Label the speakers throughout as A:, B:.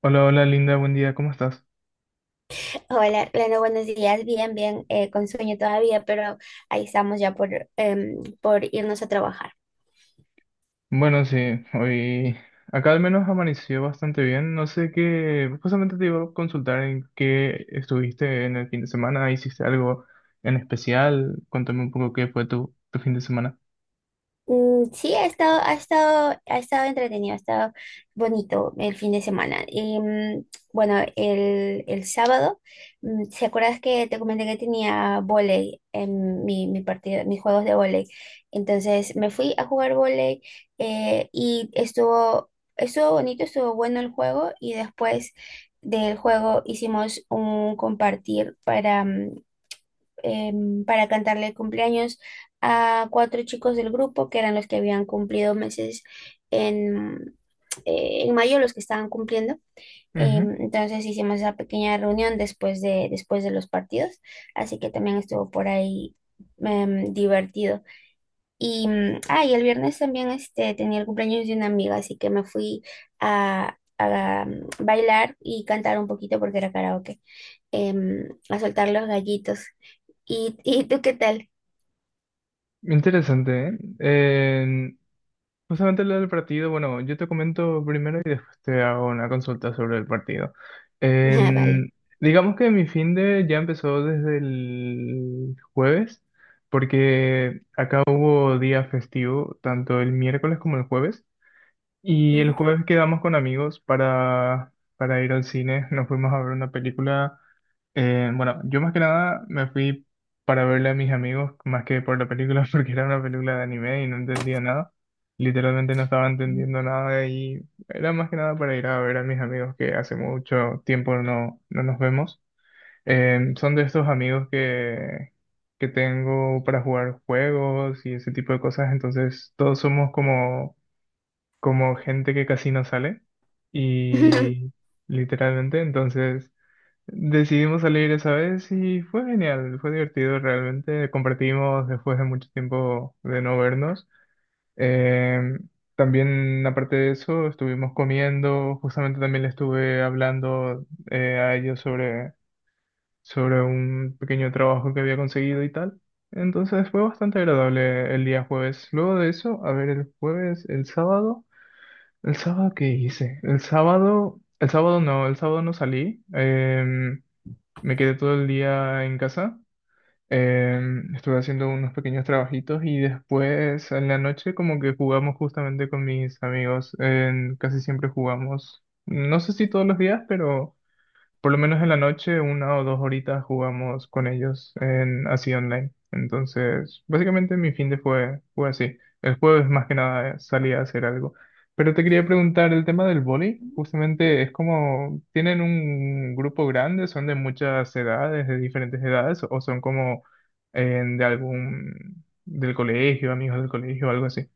A: Hola, hola Linda, buen día, ¿cómo estás?
B: Hola, Leno, buenos días. Bien, bien, con sueño todavía, pero ahí estamos ya por irnos a trabajar.
A: Bueno, sí, hoy acá al menos amaneció bastante bien. No sé qué, justamente te iba a consultar en qué estuviste en el fin de semana, hiciste algo en especial, cuéntame un poco qué fue tu fin de semana.
B: Sí, ha estado entretenido, ha estado bonito el fin de semana. Bueno, el sábado, ¿se acuerdas que te comenté que tenía vóley en mi partido, mis juegos de vóley? Entonces me fui a jugar vóley y estuvo bonito, estuvo bueno el juego y después del juego hicimos un compartir para cantarle el cumpleaños a cuatro chicos del grupo que eran los que habían cumplido meses en, en mayo, los que estaban cumpliendo.
A: Ujú.
B: Entonces hicimos esa pequeña reunión después de los partidos, así que también estuvo por ahí divertido. Y el viernes también este, tenía el cumpleaños de una amiga, así que me fui a bailar y cantar un poquito porque era karaoke, a soltar los gallitos. ¿Y, y tú qué tal?
A: Interesante, ¿eh? Justamente lo del partido, bueno, yo te comento primero y después te hago una consulta sobre el partido.
B: Ah, vale.
A: En- digamos que mi fin de ya empezó desde el jueves, porque acá hubo día festivo, tanto el miércoles como el jueves, y el jueves quedamos con amigos para ir al cine, nos fuimos a ver una película. Bueno, yo más que nada me fui para verle a mis amigos más que por la película porque era una película de anime y no entendía nada. Literalmente no estaba
B: Mm.
A: entendiendo nada y era más que nada para ir a ver a mis amigos que hace mucho tiempo no nos vemos. Son de estos amigos que tengo para jugar juegos y ese tipo de cosas, entonces todos somos como gente que casi no sale y literalmente entonces... Decidimos salir esa vez y fue genial, fue divertido realmente. Compartimos después de mucho tiempo de no vernos. Eh, También, aparte de eso, estuvimos comiendo. Justamente también le estuve hablando a ellos sobre un pequeño trabajo que había conseguido y tal. Entonces fue bastante agradable el día jueves. Luego de eso, a ver, el jueves, el sábado. ¿El sábado qué hice? El sábado, el sábado no salí. Me quedé todo el día en casa, estuve haciendo unos pequeños trabajitos y después en la noche como que jugamos justamente con mis amigos. Casi siempre jugamos. No sé si todos los días, pero por lo menos en la noche, una o dos horitas jugamos con ellos en así online. Entonces, básicamente mi fin de fue así. El jueves más que nada salí a hacer algo. Pero te quería preguntar el tema del vóley. Justamente es como, ¿tienen un grupo grande? ¿Son de muchas edades, de diferentes edades? ¿O son como de algún, del colegio, amigos del colegio, algo así?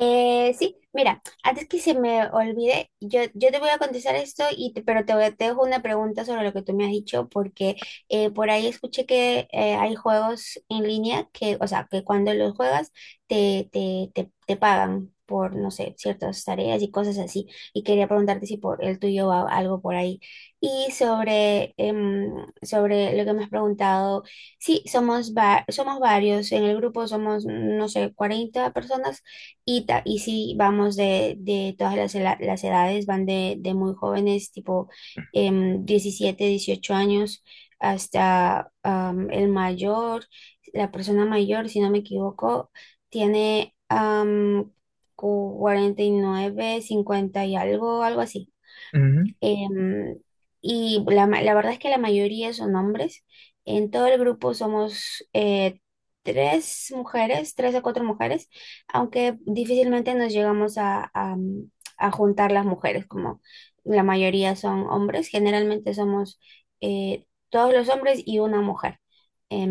B: Sí, mira, antes que se me olvide, yo te voy a contestar esto, te dejo una pregunta sobre lo que tú me has dicho, porque por ahí escuché que hay juegos en línea que, o sea, que cuando los juegas te pagan por, no sé, ciertas tareas y cosas así, y quería preguntarte si por el tuyo va algo por ahí. Y sobre, em, Sobre lo que me has preguntado, sí, somos varios, en el grupo somos, no sé, 40 personas y, y sí, vamos de todas las edades, van de muy jóvenes, tipo 17, 18 años, hasta el mayor, la persona mayor, si no me equivoco, tiene 49 50 y algo, algo así.
A: Ujú.
B: Em, y la verdad es que la mayoría son hombres. En todo el grupo somos tres mujeres, tres a cuatro mujeres, aunque difícilmente nos llegamos a juntar las mujeres, como la mayoría son hombres. Generalmente somos todos los hombres y una mujer.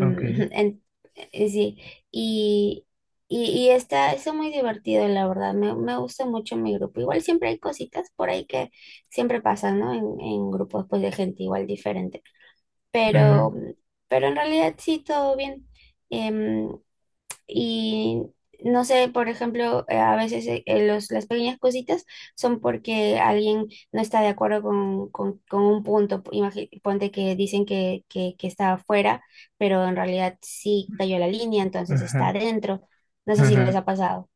A: Ok.
B: en- sí, y, y está, está muy divertido, la verdad. Me gusta mucho mi grupo. Igual siempre hay cositas por ahí que siempre pasa, ¿no? En grupos pues de gente igual diferente.
A: Ujú.
B: Pero, pero en realidad sí, todo bien. Em, y no sé, por ejemplo, a veces los, las pequeñas cositas son porque alguien no está de acuerdo con un punto. Ponte que dicen que está afuera, pero en realidad sí cayó la línea, entonces está
A: Ajá.
B: adentro. No sé si les ha pasado.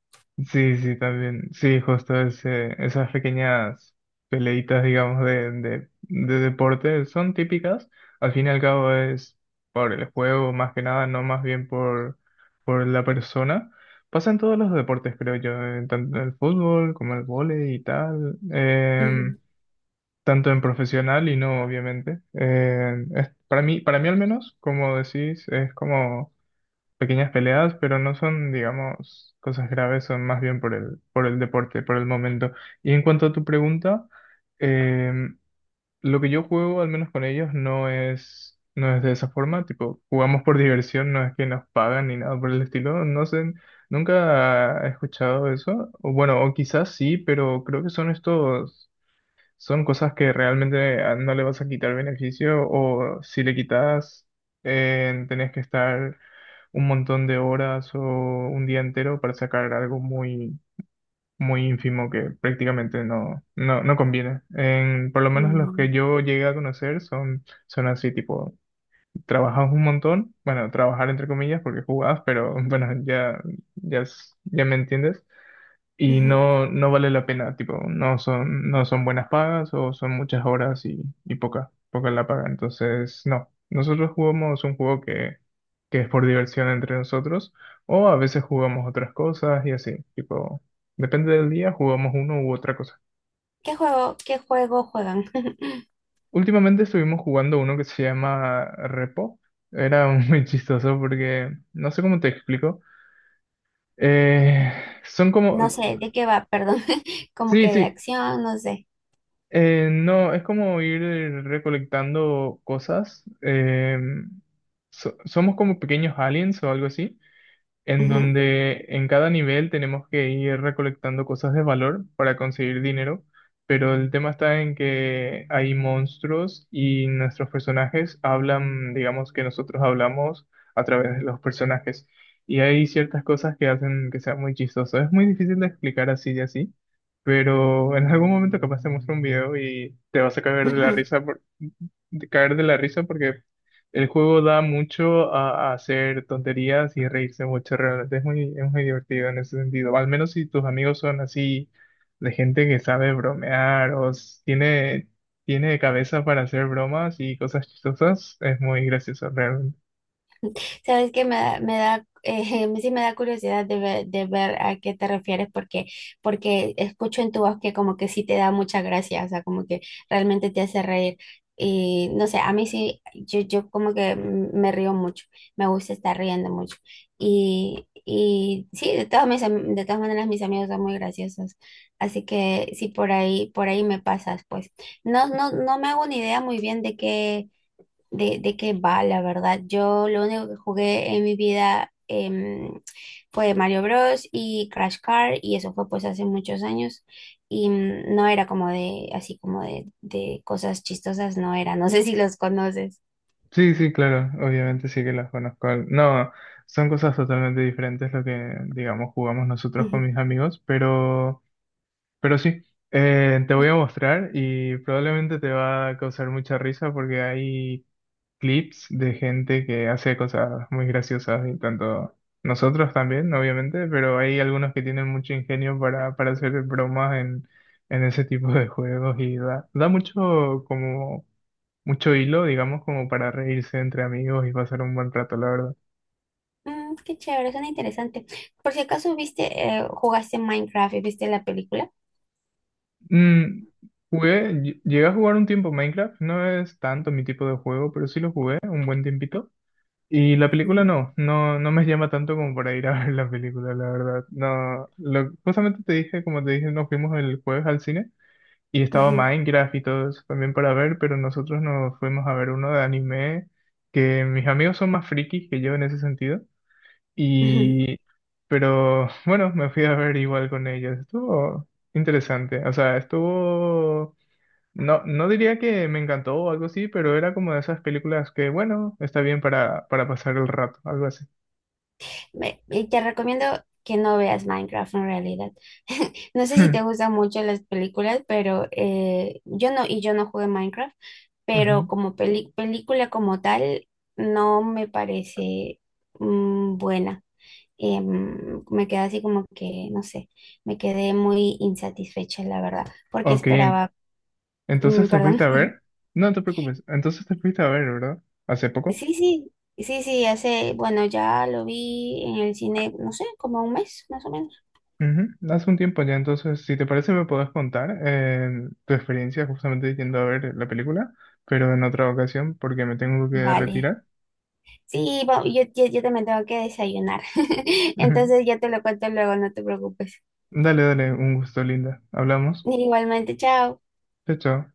A: Sí, sí, también. Sí, justo ese, esas pequeñas peleitas, digamos, de deporte son típicas. Al fin y al cabo es por el juego, más que nada, no más bien por la persona. Pasa en todos los deportes, creo yo, tanto en el fútbol como el vóley y tal,
B: Ujú.
A: tanto en profesional y no, obviamente. Para mí al menos, como decís, es como pequeñas peleas, pero no son, digamos, cosas graves, son más bien por por el deporte, por el momento. Y en cuanto a tu pregunta, em, lo que yo juego, al menos con ellos, no es de esa forma, tipo, jugamos por diversión, no es que nos pagan ni nada por el estilo, no sé, nunca he escuchado eso, o bueno, o quizás sí, pero creo que son estos son cosas que realmente no le vas a quitar beneficio, o si le quitas tenés que estar un montón de horas o un día entero para sacar algo muy muy ínfimo que prácticamente no conviene. En, por lo menos los que
B: Mm,
A: yo llegué a conocer son así, tipo, trabajas un montón, bueno, trabajar entre comillas porque jugás, pero bueno, ya me entiendes y
B: ujú.
A: no, no vale la pena, tipo, no no son buenas pagas, o son muchas horas y poca la paga. Entonces, no, nosotros jugamos un juego que es por diversión entre nosotros, o a veces jugamos otras cosas y así, tipo, depende del día, jugamos uno u otra cosa.
B: Qué juego juegan?
A: Últimamente estuvimos jugando uno que se llama Repo. Era muy chistoso porque no sé cómo te explico. Eh, Son como...
B: No sé de qué va, perdón, como
A: Sí,
B: que de
A: sí.
B: acción, no sé.
A: No, es como ir recolectando cosas, somos como pequeños aliens o algo así, en
B: Ujú,
A: donde en cada nivel tenemos que ir recolectando cosas de valor para conseguir dinero, pero el tema está en que hay monstruos y nuestros personajes hablan, digamos que nosotros hablamos a través de los personajes. Y hay ciertas cosas que hacen que sea muy chistoso. Es muy difícil de explicar así y así, pero en algún momento capaz te muestro un video y te vas a caer de la
B: ujú.
A: risa de caer de la risa porque el juego da mucho a hacer tonterías y reírse mucho, realmente es es muy divertido en ese sentido. Al menos si tus amigos son así, de gente que sabe bromear tiene cabeza para hacer bromas y cosas chistosas, es muy gracioso realmente.
B: Sabes que me da, sí me da curiosidad de ver a qué te refieres, porque, porque escucho en tu voz que como que sí te da mucha gracia, o sea, como que realmente te hace reír. Y no sé, a mí sí, yo como que me río mucho, me gusta estar riendo mucho. Y sí, de todas maneras mis amigos son muy graciosos, así que sí, por ahí me pasas, pues. No me hago ni idea muy bien de qué va, la verdad. Yo lo único que jugué en mi vida fue Mario Bros. Y Crash Car, y eso fue pues hace muchos años, y no era como de, así como de cosas chistosas, no era, no sé si los conoces.
A: Sí, sí, claro, obviamente sí que las conozco. No, son cosas totalmente diferentes lo que, digamos, jugamos nosotros con
B: Ujú.
A: mis amigos, pero sí, te voy
B: Y,
A: a mostrar y probablemente te va a causar mucha risa porque hay clips de gente que hace cosas muy graciosas, y tanto nosotros también, obviamente, pero hay algunos que tienen mucho ingenio para hacer bromas en ese tipo de juegos y da mucho como mucho hilo, digamos, como para reírse entre amigos y pasar un buen rato, la verdad.
B: Qué chévere, suena interesante. Por si acaso viste, jugaste Minecraft y viste la película.
A: Mm, jugué, llegué a jugar un tiempo Minecraft, no es tanto mi tipo de juego, pero sí lo jugué un buen tiempito. Y la película
B: Ujú,
A: no me llama tanto como para ir a ver la película, la verdad. No, lo, justamente te dije, como te dije, nos fuimos el jueves al cine y estaba
B: ujú,
A: Minecraft y todo eso también para ver, pero nosotros nos fuimos a ver uno de anime, que mis amigos son más frikis que yo en ese sentido.
B: ujú.
A: Y, pero bueno, me fui a ver igual con ellos. Estuvo interesante, o sea, estuvo, no, no diría que me encantó o algo así, pero era como de esas películas que, bueno, está bien para pasar el rato, algo así.
B: Y te recomiendo que no veas Minecraft en realidad. No sé si te gustan mucho las películas, pero yo no, y yo no jugué Minecraft, pero
A: Ujú.
B: como película como tal, no me parece buena. Me quedé así como que, no sé, me quedé muy insatisfecha, la verdad, porque
A: Ok, en-
B: esperaba,
A: entonces te
B: perdón,
A: fuiste a ver. No te preocupes, entonces te fuiste a ver, ¿verdad? ¿Hace poco?
B: sí, sí, sí, sí, hace, bueno, ya lo vi en el cine, no sé, como un mes más o menos.
A: Ujú. Hace un tiempo ya, entonces, si te parece, me puedes contar tu experiencia justamente yendo a ver la película, pero en otra ocasión, porque me tengo que
B: Vale.
A: retirar.
B: Sí, yo, yo también tengo que desayunar.
A: Ujú.
B: Entonces ya te lo cuento luego, no te preocupes.
A: Dale, dale, un gusto, Linda. Hablamos.
B: Igualmente, chao.
A: Chao, chao.